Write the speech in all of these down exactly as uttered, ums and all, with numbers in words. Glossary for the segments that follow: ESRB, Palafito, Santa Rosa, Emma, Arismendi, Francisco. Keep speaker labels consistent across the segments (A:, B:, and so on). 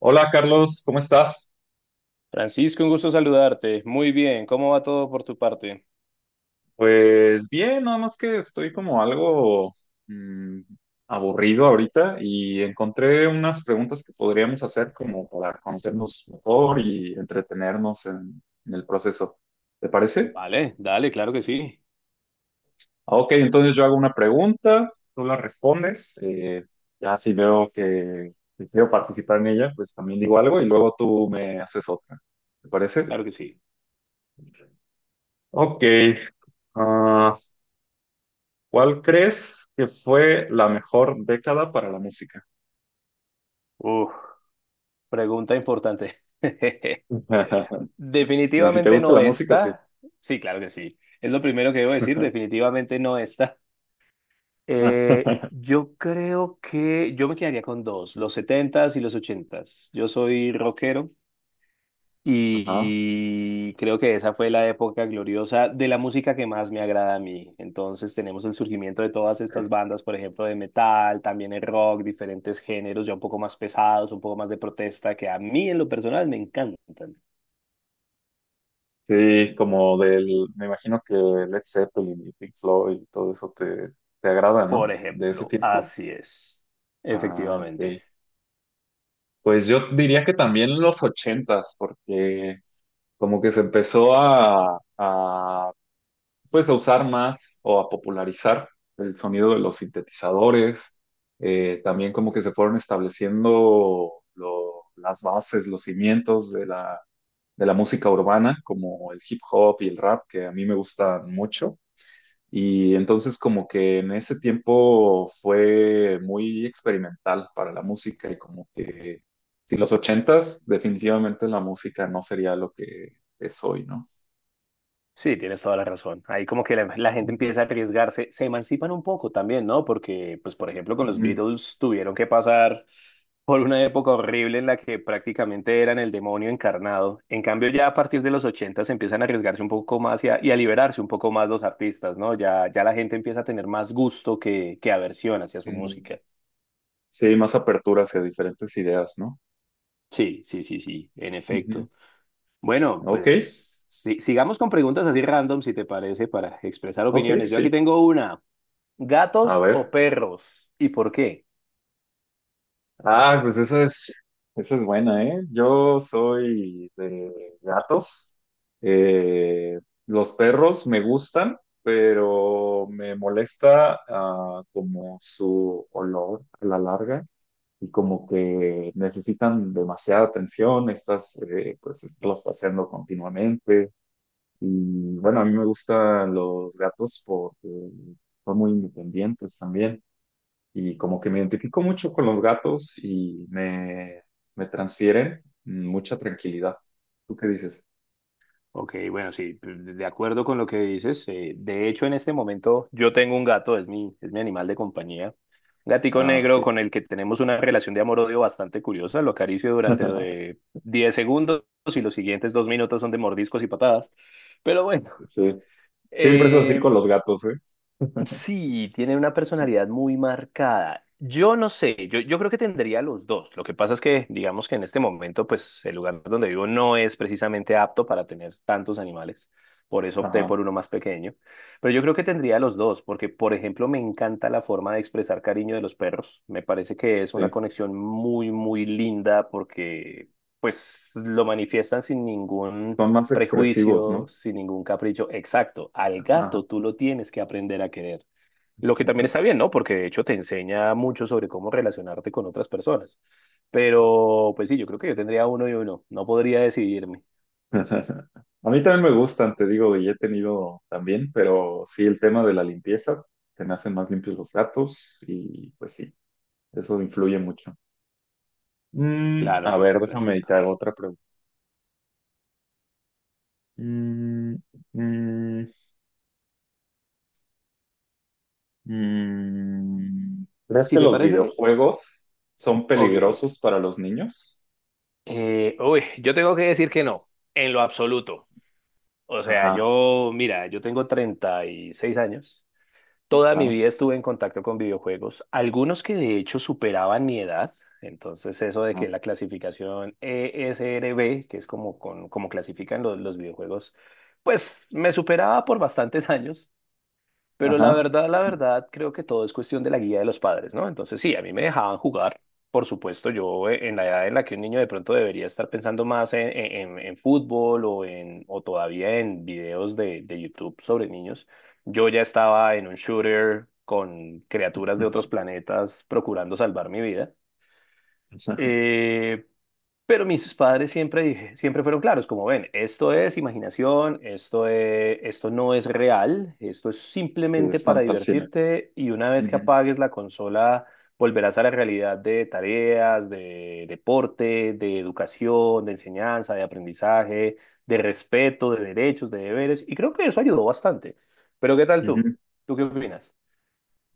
A: Hola Carlos, ¿cómo estás?
B: Francisco, un gusto saludarte. Muy bien, ¿cómo va todo por tu parte?
A: Pues bien, nada más que estoy como algo mm, aburrido ahorita y encontré unas preguntas que podríamos hacer como para conocernos mejor y entretenernos en, en el proceso. ¿Te parece?
B: Vale, dale, claro que sí,
A: Ah, ok, entonces yo hago una pregunta, tú la respondes, eh, ya si veo que que quiero participar en ella, pues también digo algo y luego tú me haces otra. ¿Te parece?
B: claro que sí.
A: Ok. ah, ¿Cuál crees que fue la mejor década para la música?
B: Uf, pregunta importante.
A: Y si te
B: Definitivamente
A: gusta
B: no
A: la música, sí.
B: está. Sí, claro que sí. Es lo primero que debo decir, definitivamente no está. Eh,
A: Ajá.
B: yo creo que yo me quedaría con dos, los setentas y los ochentas. Yo soy rockero. Y creo que esa fue la época gloriosa de la música que más me agrada a mí. Entonces tenemos el surgimiento de todas estas bandas, por ejemplo, de metal, también el rock, diferentes géneros ya un poco más pesados, un poco más de protesta, que a mí en lo personal me encantan.
A: Sí, como del, me imagino que Led Zeppelin y Pink Floyd y todo eso te, te agrada,
B: Por
A: ¿no? De ese
B: ejemplo,
A: tiempo.
B: así es.
A: Ah,
B: Efectivamente.
A: ok. Pues yo diría que también los ochentas, porque como que se empezó a, a pues a usar más o a popularizar el sonido de los sintetizadores, eh, también como que se fueron estableciendo lo- las bases, los cimientos de la, de la música urbana, como el hip hop y el rap, que a mí me gustan mucho. Y entonces como que en ese tiempo fue muy experimental para la música y como que si los ochentas, definitivamente la música no sería lo que es hoy, ¿no?
B: Sí, tienes toda la razón. Ahí como que la, la gente
A: Ujú,
B: empieza a arriesgarse, se emancipan un poco también, ¿no? Porque, pues, por ejemplo, con los
A: ujú,
B: Beatles tuvieron que pasar por una época horrible en la que prácticamente eran el demonio encarnado. En cambio, ya a partir de los ochenta se empiezan a arriesgarse un poco más y a, y a liberarse un poco más los artistas, ¿no? Ya, ya la gente empieza a tener más gusto que, que aversión hacia su
A: ujú.
B: música.
A: Sí, más apertura hacia diferentes ideas, ¿no?
B: Sí, sí, sí, sí, en
A: Ujú.
B: efecto. Bueno,
A: Ok,
B: pues si- sigamos con preguntas así random, si te parece, para expresar
A: ok,
B: opiniones. Yo aquí
A: sí.
B: tengo una.
A: A
B: ¿Gatos o
A: ver.
B: perros? ¿Y por qué?
A: Ah, pues esa es, esa es buena, ¿eh? Yo soy de gatos. Eh, los perros me gustan, pero me molesta ah, como su olor a la larga y como que necesitan demasiada atención, estás, eh, pues, estarlos paseando continuamente. Y bueno, a mí me gustan los gatos porque son muy independientes también. Y como que me identifico mucho con los gatos y me, me transfieren mucha tranquilidad. ¿Tú qué dices?
B: Ok, bueno, sí, de acuerdo con lo que dices. Eh, de hecho, en este momento yo tengo un gato, es mi, es mi animal de compañía. Un gatico
A: Ah,
B: negro
A: sí.
B: con el que tenemos una relación de amor-odio bastante curiosa. Lo acaricio durante de diez segundos y los siguientes dos minutos son de mordiscos y patadas. Pero bueno,
A: Sí. Siempre es así
B: eh,
A: con los gatos, ¿eh?
B: sí, tiene una personalidad muy marcada. Yo no sé, yo, yo creo que tendría los dos. Lo que pasa es que, digamos que en este momento, pues el lugar donde vivo no es precisamente apto para tener tantos animales. Por eso opté
A: Ajá,
B: por uno más pequeño. Pero yo creo que tendría los dos, porque, por ejemplo, me encanta la forma de expresar cariño de los perros. Me parece que es una
A: sí.
B: conexión muy, muy linda porque, pues, lo manifiestan sin ningún
A: Son más expresivos, ¿no?
B: prejuicios sin ningún capricho. Exacto, al
A: Ajá.
B: gato tú lo tienes que aprender a querer. Lo que también está bien, ¿no? Porque de hecho te enseña mucho sobre cómo relacionarte con otras personas. Pero, pues sí, yo creo que yo tendría uno y uno. No podría decidirme.
A: A mí también me gustan, te digo, y he tenido también, pero sí el tema de la limpieza, te me hacen más limpios los gatos y pues sí, eso influye mucho. Mm,
B: Claro
A: a
B: que
A: ver,
B: sí,
A: déjame
B: Francisco.
A: meditar otra pregunta. Mm, mm, mm. ¿Crees
B: Si
A: que
B: te
A: los
B: parece,
A: videojuegos son
B: ok.
A: peligrosos para los niños?
B: Eh, uy, yo tengo que decir que no, en lo absoluto. O sea,
A: Ajá,
B: yo, mira, yo tengo treinta y seis años. Toda mi
A: ajá,
B: vida estuve en contacto con videojuegos, algunos que de hecho superaban mi edad. Entonces, eso de
A: ajá,
B: que la clasificación E S R B, que es como, con- como clasifican los, los videojuegos, pues me superaba por bastantes años. Pero la
A: ajá.
B: verdad, la verdad, creo que todo es cuestión de la guía de los padres, ¿no? Entonces, sí, a mí me dejaban jugar. Por supuesto, yo eh, en la edad en la que un niño de pronto debería estar pensando más en, en- en fútbol o, en, o todavía en videos de, de YouTube sobre niños, yo ya estaba en un shooter con criaturas de otros planetas procurando salvar mi vida. Eh, pero mis padres siempre dije, siempre fueron claros, como ven, esto es imaginación, esto es- esto no es real, esto es simplemente
A: Es
B: para
A: fantasía.
B: divertirte y una vez que
A: Ujú,
B: apagues la consola volverás a la realidad de tareas, de deporte, de educación, de enseñanza, de aprendizaje, de respeto, de derechos, de deberes y creo que eso ayudó bastante. Pero ¿qué tal tú?
A: ujú.
B: ¿Tú qué opinas?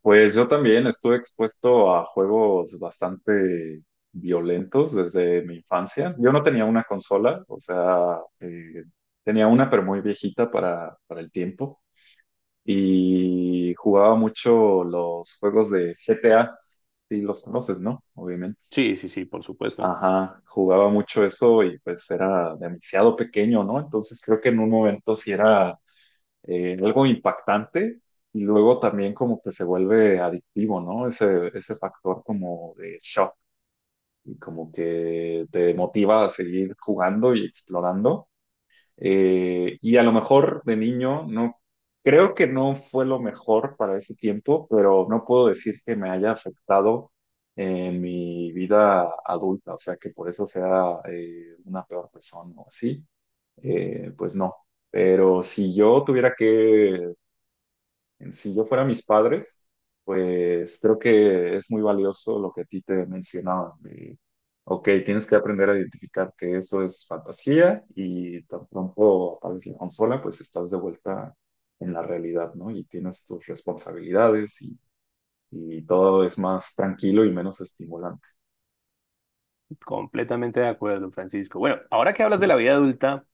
A: Pues yo también estuve expuesto a juegos bastante violentos desde mi infancia. Yo no tenía una consola, o sea, eh, tenía una pero muy viejita para, para el tiempo y jugaba mucho los juegos de G T A, si los conoces, ¿no? Obviamente.
B: Sí, sí, sí, por supuesto.
A: Ajá, jugaba mucho eso y pues era demasiado pequeño, ¿no? Entonces creo que en un momento sí era eh, algo impactante y luego también como que se vuelve adictivo, ¿no? Ese, ese factor como de shock y como que te motiva a seguir jugando y explorando. Eh, y a lo mejor de niño no, creo que no fue lo mejor para ese tiempo, pero no puedo decir que me haya afectado en mi vida adulta, o sea, que por eso sea eh, una peor persona o así. Eh, pues no. Pero si yo tuviera que si yo fuera mis padres, pues creo que es muy valioso lo que a ti te mencionaba. De, ok, tienes que aprender a identificar que eso es fantasía y tan pronto aparece la consola, pues estás de vuelta en la realidad, ¿no? Y tienes tus responsabilidades y, y todo es más tranquilo y menos estimulante.
B: Completamente de acuerdo, Francisco. Bueno, ahora que hablas
A: Sí.
B: de la vida adulta,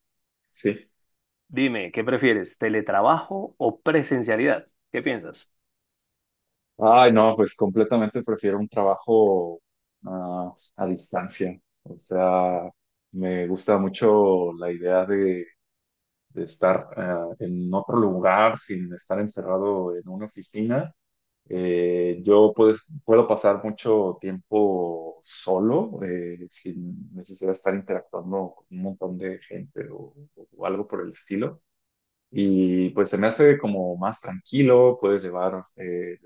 A: Sí.
B: dime, ¿qué prefieres? ¿Teletrabajo o presencialidad? ¿Qué piensas?
A: Ay, no, pues completamente prefiero un trabajo ah, a distancia. O sea, me gusta mucho la idea de de estar ah, en otro lugar sin estar encerrado en una oficina. Eh, yo pues, puedo pasar mucho tiempo solo, eh, sin necesidad de estar interactuando con un montón de gente o, o algo por el estilo. Y pues se me hace como más tranquilo, puedes llevar eh,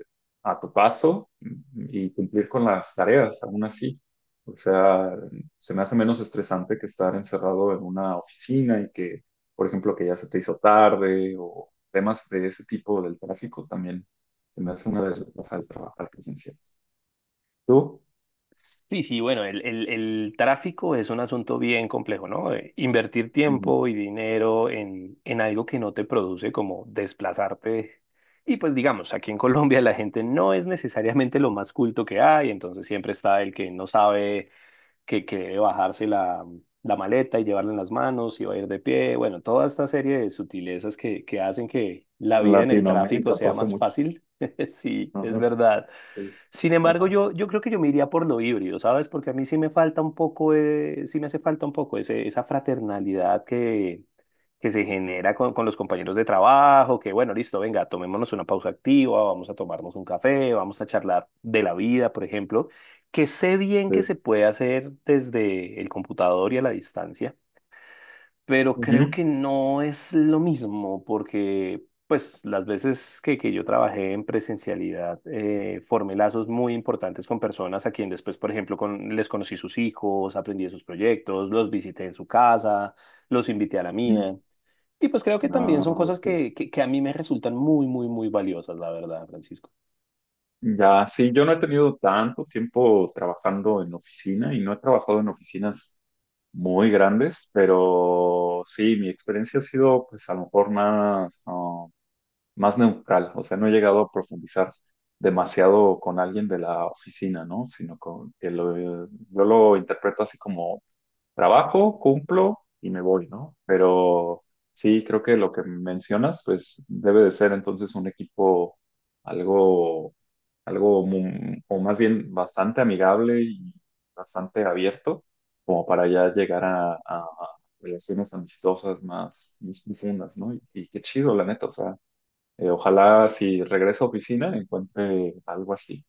A: a tu paso y cumplir con las tareas, aún así. O sea, se me hace menos estresante que estar encerrado en una oficina y que, por ejemplo, que ya se te hizo tarde o temas de ese tipo del tráfico también. Se me hace una desventaja de trabajar presencial. ¿Tú?
B: Sí, sí, bueno, el, el- el tráfico es un asunto bien complejo, ¿no? Eh, Invertir
A: Ujú.
B: tiempo y dinero en, en algo que no te produce como desplazarte. Y pues digamos, aquí en Colombia la gente no es necesariamente lo más culto que hay, entonces siempre está el que no sabe que, que debe bajarse la, la maleta y llevarla en las manos y va a ir de pie. Bueno, toda esta serie de sutilezas que, que hacen que la
A: En
B: vida en el tráfico
A: Latinoamérica
B: sea
A: pasa
B: más
A: mucho.
B: fácil. Sí, es
A: Ajá,
B: verdad.
A: sí.
B: Sin embargo,
A: Ajá,
B: yo, yo creo que yo me iría por lo híbrido, ¿sabes? Porque a mí sí me falta un poco, eh, sí me hace falta un poco ese- esa fraternalidad que, que se genera con, con los compañeros de trabajo, que bueno, listo, venga, tomémonos una pausa activa, vamos a tomarnos un café, vamos a charlar de la vida, por ejemplo, que sé bien que
A: sí.
B: se puede hacer desde el computador y a la distancia, pero creo
A: Ujú.
B: que no es lo mismo porque pues las veces que, que yo trabajé en presencialidad eh, formé lazos muy importantes con personas a quien después, por ejemplo, con, les conocí sus hijos, aprendí de sus proyectos, los visité en su casa, los invité a la
A: Ujú.
B: mía. Y pues creo que también
A: Ah,
B: son cosas
A: ok.
B: que, que, que a mí me resultan muy, muy, muy valiosas, la verdad, Francisco.
A: Ya, sí, yo no he tenido tanto tiempo trabajando en oficina y no he trabajado en oficinas muy grandes, pero sí, mi experiencia ha sido pues a lo mejor más, ah, más neutral, o sea, no he llegado a profundizar demasiado con alguien de la oficina, ¿no? Sino con, que lo, yo lo interpreto así como trabajo, cumplo y me voy, ¿no? Pero sí, creo que lo que mencionas, pues debe de ser entonces un equipo algo, algo, mu- o más bien bastante amigable y bastante abierto, como para ya llegar a, a relaciones amistosas más, más profundas, ¿no? Y, y qué chido, la neta, o sea, eh, ojalá si regreso a oficina encuentre algo así.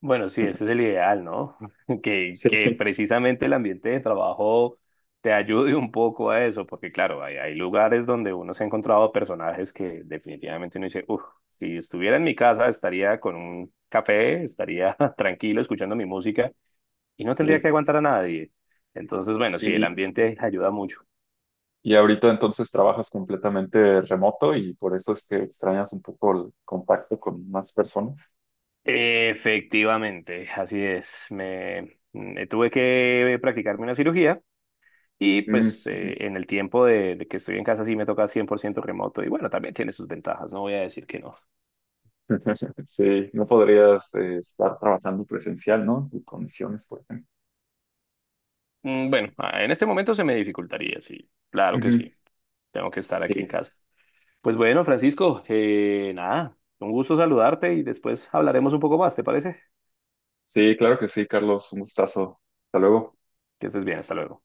B: Bueno, sí, ese es el ideal, ¿no? Que,
A: Sí,
B: que precisamente el ambiente de trabajo te ayude un poco a eso, porque claro, hay, hay lugares donde uno se ha encontrado personajes que definitivamente uno dice, uff, si estuviera en mi casa estaría con un café, estaría tranquilo escuchando mi música y no tendría
A: sí.
B: que aguantar a nadie. Entonces, bueno, sí, el
A: Y,
B: ambiente ayuda mucho.
A: y ahorita entonces trabajas completamente remoto y por eso es que extrañas un poco el contacto con más personas.
B: Efectivamente, así es. Me, me tuve que practicarme una cirugía. Y
A: Mm,
B: pues
A: ujú.
B: eh, en el tiempo de, de que estoy en casa sí me toca cien por ciento remoto y bueno, también tiene sus ventajas, no voy a decir que no.
A: Sí, no podrías eh, estar trabajando presencial, ¿no? En condiciones, por ejemplo.
B: Mm, Bueno, ah, en este momento se me dificultaría, sí, claro que
A: Ujú.
B: sí, tengo que estar aquí en
A: Sí,
B: casa. Pues bueno, Francisco, eh, nada, un gusto saludarte y después hablaremos un poco más, ¿te parece?
A: sí, claro que sí, Carlos, un gustazo. Hasta luego.
B: Que estés bien, hasta luego.